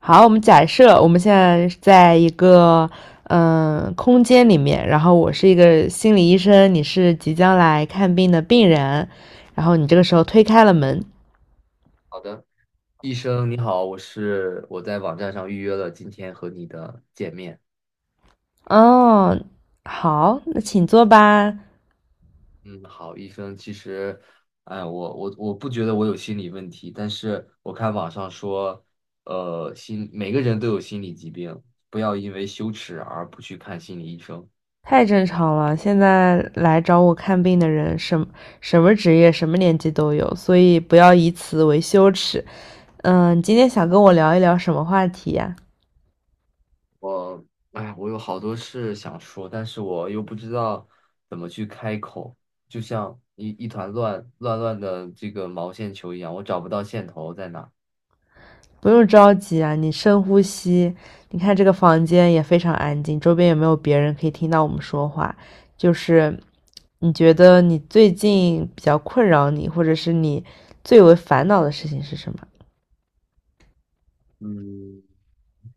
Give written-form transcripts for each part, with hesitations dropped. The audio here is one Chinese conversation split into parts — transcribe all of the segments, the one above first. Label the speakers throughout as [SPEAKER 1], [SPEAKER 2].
[SPEAKER 1] 好，我们假设我们现在在一个空间里面，然后我是一个心理医生，你是即将来看病的病人，然后你这个时候推开了门。
[SPEAKER 2] 好的，医生你好，我在网站上预约了今天和你的见面。
[SPEAKER 1] 哦，好，那请坐吧。
[SPEAKER 2] 嗯，好，医生，其实，哎，我不觉得我有心理问题，但是我看网上说，每个人都有心理疾病，不要因为羞耻而不去看心理医生。
[SPEAKER 1] 太正常了，现在来找我看病的人，什么职业、什么年纪都有，所以不要以此为羞耻。嗯，你今天想跟我聊一聊什么话题呀、
[SPEAKER 2] 我，哎，我有好多事想说，但是我又不知道怎么去开口，就像一团乱的这个毛线球一样，我找不到线头在哪。
[SPEAKER 1] 不用着急啊，你深呼吸。你看这个房间也非常安静，周边也没有别人可以听到我们说话。就是你觉得你最近比较困扰你，或者是你最为烦恼的事情是什么？
[SPEAKER 2] 嗯，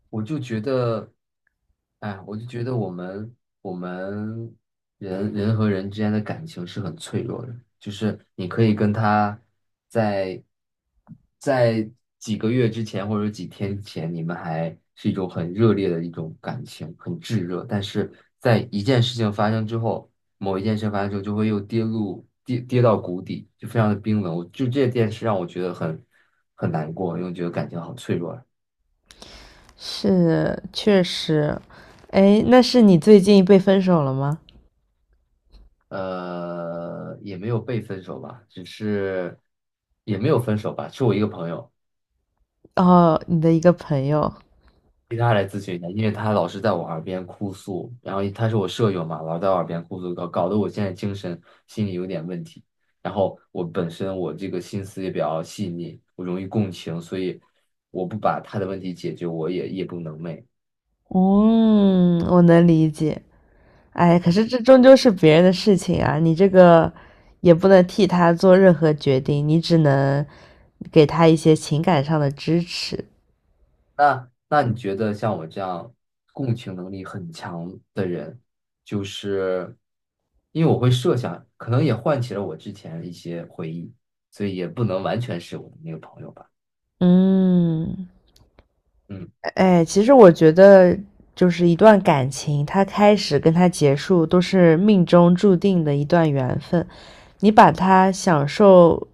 [SPEAKER 2] 我就觉得，哎，我就觉得我们人和人之间的感情是很脆弱的，就是你可以跟他在在几个月之前或者几天前，你们还是一种很热烈的一种感情，很炙热，但是在一件事情发生之后，某一件事发生之后，就会又跌入跌到谷底，就非常的冰冷。我就这件事让我觉得很难过，因为我觉得感情好脆弱啊。
[SPEAKER 1] 是，确实。哎，那是你最近被分手了吗？
[SPEAKER 2] 呃，也没有被分手吧，只是也没有分手吧，是我一个朋友，
[SPEAKER 1] 哦，你的一个朋友。
[SPEAKER 2] 其他来咨询一下，因为他老是在我耳边哭诉，然后他是我舍友嘛，老在我耳边哭诉，搞得我现在精神心理有点问题。然后我本身我这个心思也比较细腻，我容易共情，所以我不把他的问题解决，我也夜不能寐。
[SPEAKER 1] 嗯，我能理解。哎，可是
[SPEAKER 2] 嗯，
[SPEAKER 1] 这终究是别人的事情啊，你这个也不能替他做任何决定，你只能给他一些情感上的支持。
[SPEAKER 2] 那你觉得像我这样共情能力很强的人，就是因为我会设想，可能也唤起了我之前的一些回忆，所以也不能完全是我的那个朋友吧。
[SPEAKER 1] 嗯。
[SPEAKER 2] 嗯，
[SPEAKER 1] 哎，其实我觉得，就是一段感情，它开始跟它结束都是命中注定的一段缘分。你把它享受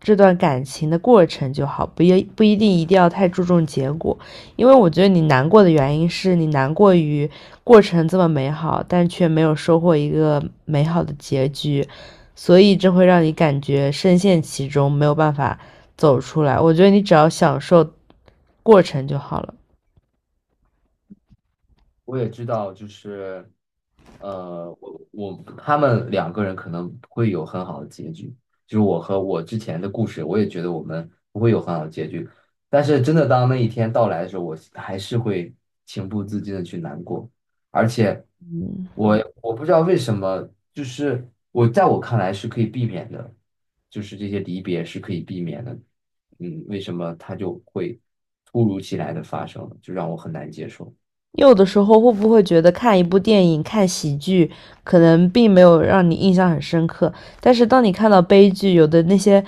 [SPEAKER 1] 这段感情的过程就好，不一定一定要太注重结果。因为我觉得你难过的原因是你难过于过程这么美好，但却没有收获一个美好的结局，所以这会让你感觉深陷其中，没有办法走出来。我觉得你只要享受过程就好了。
[SPEAKER 2] 我也知道，就是呃，我他们两个人可能不会有很好的结局，就是我和我之前的故事，我也觉得我们不会有很好的结局。但是真的当那一天到来的时候，我还是会情不自禁的去难过，而且我不知道为什么，就是我在我看来是可以避免的，就是这些离别是可以避免的，嗯，为什么它就会突如其来的发生，就让我很难接受。
[SPEAKER 1] 有的时候会不会觉得看一部电影、看喜剧，可能并没有让你印象很深刻，但是当你看到悲剧，有的那些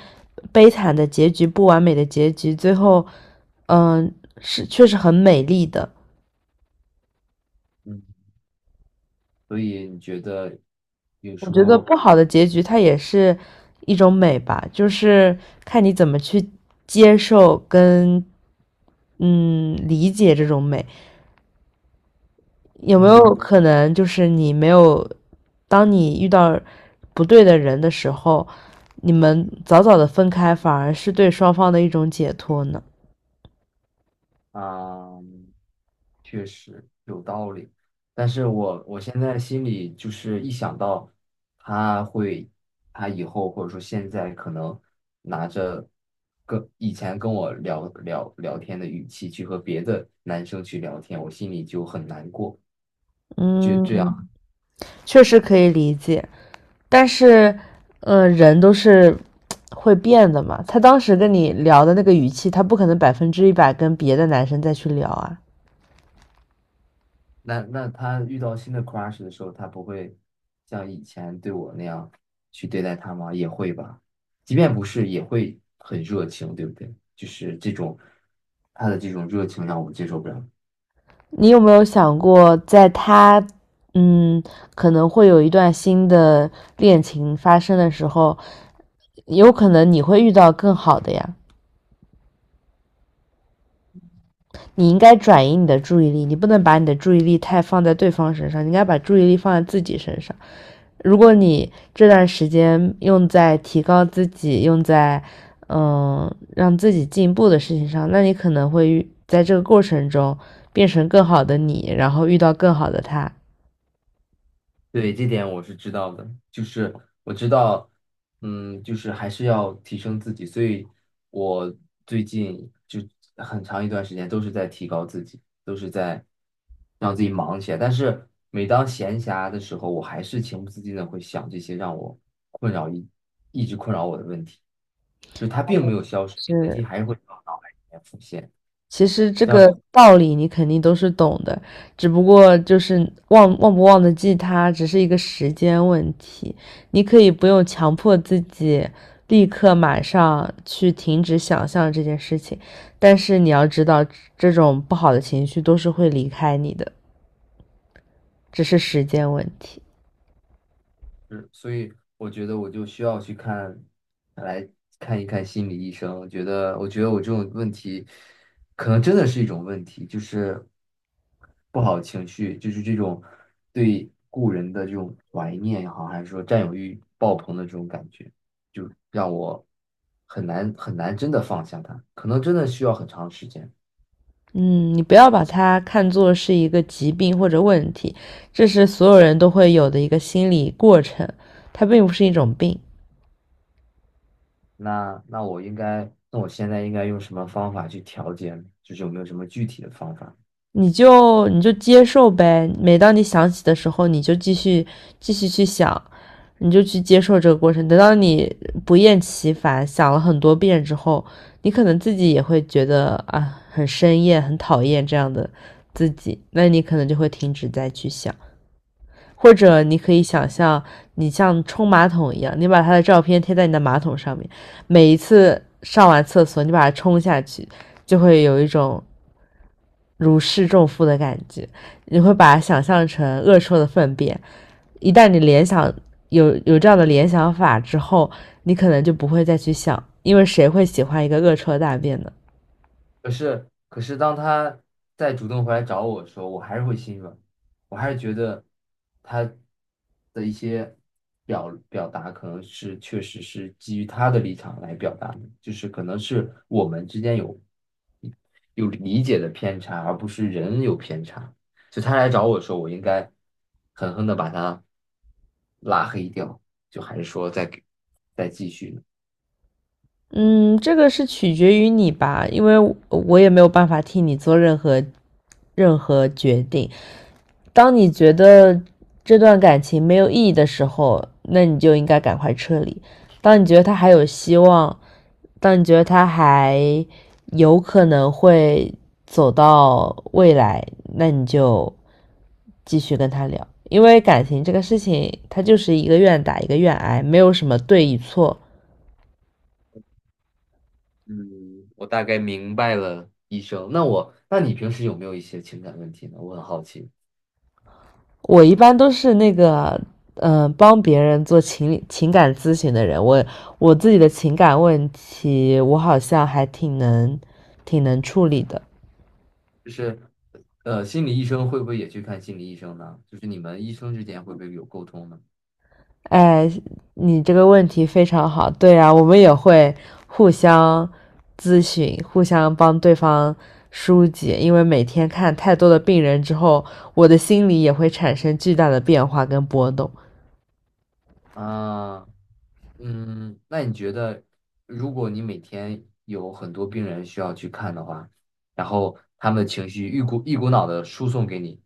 [SPEAKER 1] 悲惨的结局、不完美的结局，最后，嗯、呃是确实很美丽的。
[SPEAKER 2] 嗯。所以你觉得有
[SPEAKER 1] 我
[SPEAKER 2] 时
[SPEAKER 1] 觉得
[SPEAKER 2] 候？
[SPEAKER 1] 不好的结局它也是一种美吧，就是看你怎么去接受跟理解这种美。有没有
[SPEAKER 2] 嗯。
[SPEAKER 1] 可能就是你没有，当你遇到不对的人的时候，你们早早的分开，反而是对双方的一种解脱呢？
[SPEAKER 2] 啊，确实有道理，但是我现在心里就是一想到他会，他以后或者说现在可能拿着跟以前跟我聊聊天的语气去和别的男生去聊天，我心里就很难过。就这样。
[SPEAKER 1] 嗯，确实可以理解，但是，人都是会变的嘛。他当时跟你聊的那个语气，他不可能百分之一百跟别的男生再去聊啊。
[SPEAKER 2] 那他遇到新的 crush 的时候，他不会像以前对我那样去对待他吗？也会吧，即便不是，也会很热情，对不对？就是这种他的这种热情让我接受不了。
[SPEAKER 1] 你有没有想过，在他，嗯，可能会有一段新的恋情发生的时候，有可能你会遇到更好的呀。你应该转移你的注意力，你不能把你的注意力太放在对方身上，你应该把注意力放在自己身上。如果你这段时间用在提高自己、用在嗯让自己进步的事情上，那你可能会遇在这个过程中变成更好的你，然后遇到更好的他。
[SPEAKER 2] 对，这点我是知道的，就是我知道，嗯，就是还是要提升自己，所以我最近就很长一段时间都是在提高自己，都是在让自己忙起来。但是每当闲暇的时候，我还是情不自禁的会想这些让我困扰一一直困扰我的问题，就是它并没有消失，这个问题还
[SPEAKER 1] 是
[SPEAKER 2] 是会在我脑海里面浮现。
[SPEAKER 1] 其实这个道理你肯定都是懂的，只不过就是忘不忘得记它，只是一个时间问题。你可以不用强迫自己立刻马上去停止想象这件事情，但是你要知道，这种不好的情绪都是会离开你的，只是时间问题。
[SPEAKER 2] 是，所以我觉得我就需要去看，来看一看心理医生。我觉得，我觉得我这种问题，可能真的是一种问题，就是不好的情绪，就是这种对故人的这种怀念也好，还是说占有欲爆棚的这种感觉，就让我很难真的放下它，可能真的需要很长时间。
[SPEAKER 1] 嗯，你不要把它看作是一个疾病或者问题，这是所有人都会有的一个心理过程，它并不是一种病。
[SPEAKER 2] 那我应该，那我现在应该用什么方法去调节呢，就是有没有什么具体的方法？
[SPEAKER 1] 你就接受呗。每当你想起的时候，你就继续去想，你就去接受这个过程。等到你不厌其烦想了很多遍之后，你可能自己也会觉得啊，很生厌、很讨厌这样的自己，那你可能就会停止再去想。或者你可以想象，你像冲马桶一样，你把他的照片贴在你的马桶上面，每一次上完厕所，你把它冲下去，就会有一种如释重负的感觉。你会把它想象成恶臭的粪便。一旦你联想有这样的联想法之后，你可能就不会再去想，因为谁会喜欢一个恶臭的大便呢？
[SPEAKER 2] 可是，可是当他再主动回来找我的时候，我还是会心软，我还是觉得他的一些表达可能是确实是基于他的立场来表达的，就是可能是我们之间有有理解的偏差，而不是人有偏差。就他来找我的时候，我应该狠狠的把他拉黑掉，就还是说再给再继续呢？
[SPEAKER 1] 嗯，这个是取决于你吧，因为我也没有办法替你做任何决定。当你觉得这段感情没有意义的时候，那你就应该赶快撤离；当你觉得他还有希望，但你觉得他还有可能会走到未来，那你就继续跟他聊，因为感情这个事情，它就是一个愿打一个愿挨，没有什么对与错。
[SPEAKER 2] 嗯，我大概明白了，医生。那我，那你平时有没有一些情感问题呢？我很好奇，
[SPEAKER 1] 我一般都是那个，帮别人做情感咨询的人。我自己的情感问题，我好像还挺能处理的。
[SPEAKER 2] 就是，呃，心理医生会不会也去看心理医生呢？就是你们医生之间会不会有沟通呢？
[SPEAKER 1] 哎，你这个问题非常好。对啊，我们也会互相咨询，互相帮对方疏解，因为每天看太多的病人之后，我的心里也会产生巨大的变化跟波动。
[SPEAKER 2] 啊，嗯，那你觉得，如果你每天有很多病人需要去看的话，然后他们的情绪一股一股脑的输送给你，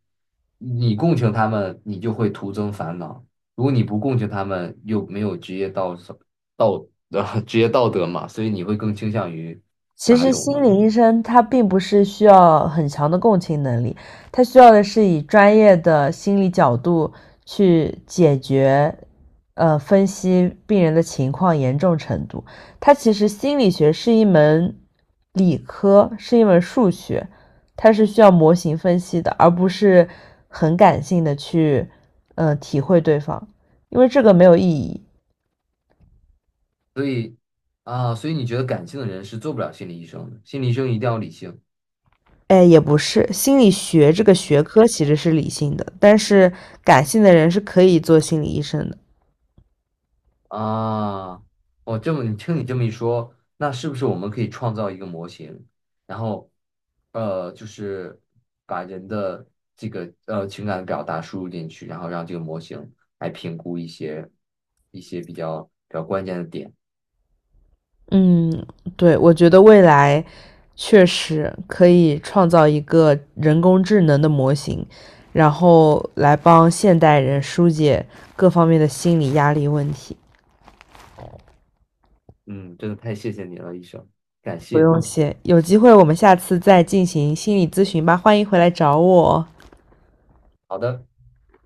[SPEAKER 2] 你共情他们，你就会徒增烦恼；如果你不共情他们，又没有职业道德职业道德嘛，所以你会更倾向于
[SPEAKER 1] 其
[SPEAKER 2] 哪
[SPEAKER 1] 实
[SPEAKER 2] 种呢？
[SPEAKER 1] 心理医生他并不是需要很强的共情能力，他需要的是以专业的心理角度去解决，分析病人的情况严重程度。他其实心理学是一门理科，是一门数学，它是需要模型分析的，而不是很感性的去，体会对方，因为这个没有意义。
[SPEAKER 2] 所以啊，所以你觉得感性的人是做不了心理医生的，心理医生一定要理性。
[SPEAKER 1] 哎，也不是，心理学这个学科其实是理性的，但是感性的人是可以做心理医生的。
[SPEAKER 2] 啊，我这么你听你这么一说，那是不是我们可以创造一个模型，然后，呃，就是把人的这个呃情感表达输入进去，然后让这个模型来评估一些比较关键的点。
[SPEAKER 1] 嗯，对，我觉得未来确实可以创造一个人工智能的模型，然后来帮现代人疏解各方面的心理压力问题。
[SPEAKER 2] 嗯，真的太谢谢你了，医生，感
[SPEAKER 1] 不
[SPEAKER 2] 谢。
[SPEAKER 1] 用谢，有机会我们下次再进行心理咨询吧，欢迎回来找我哦。
[SPEAKER 2] 好的。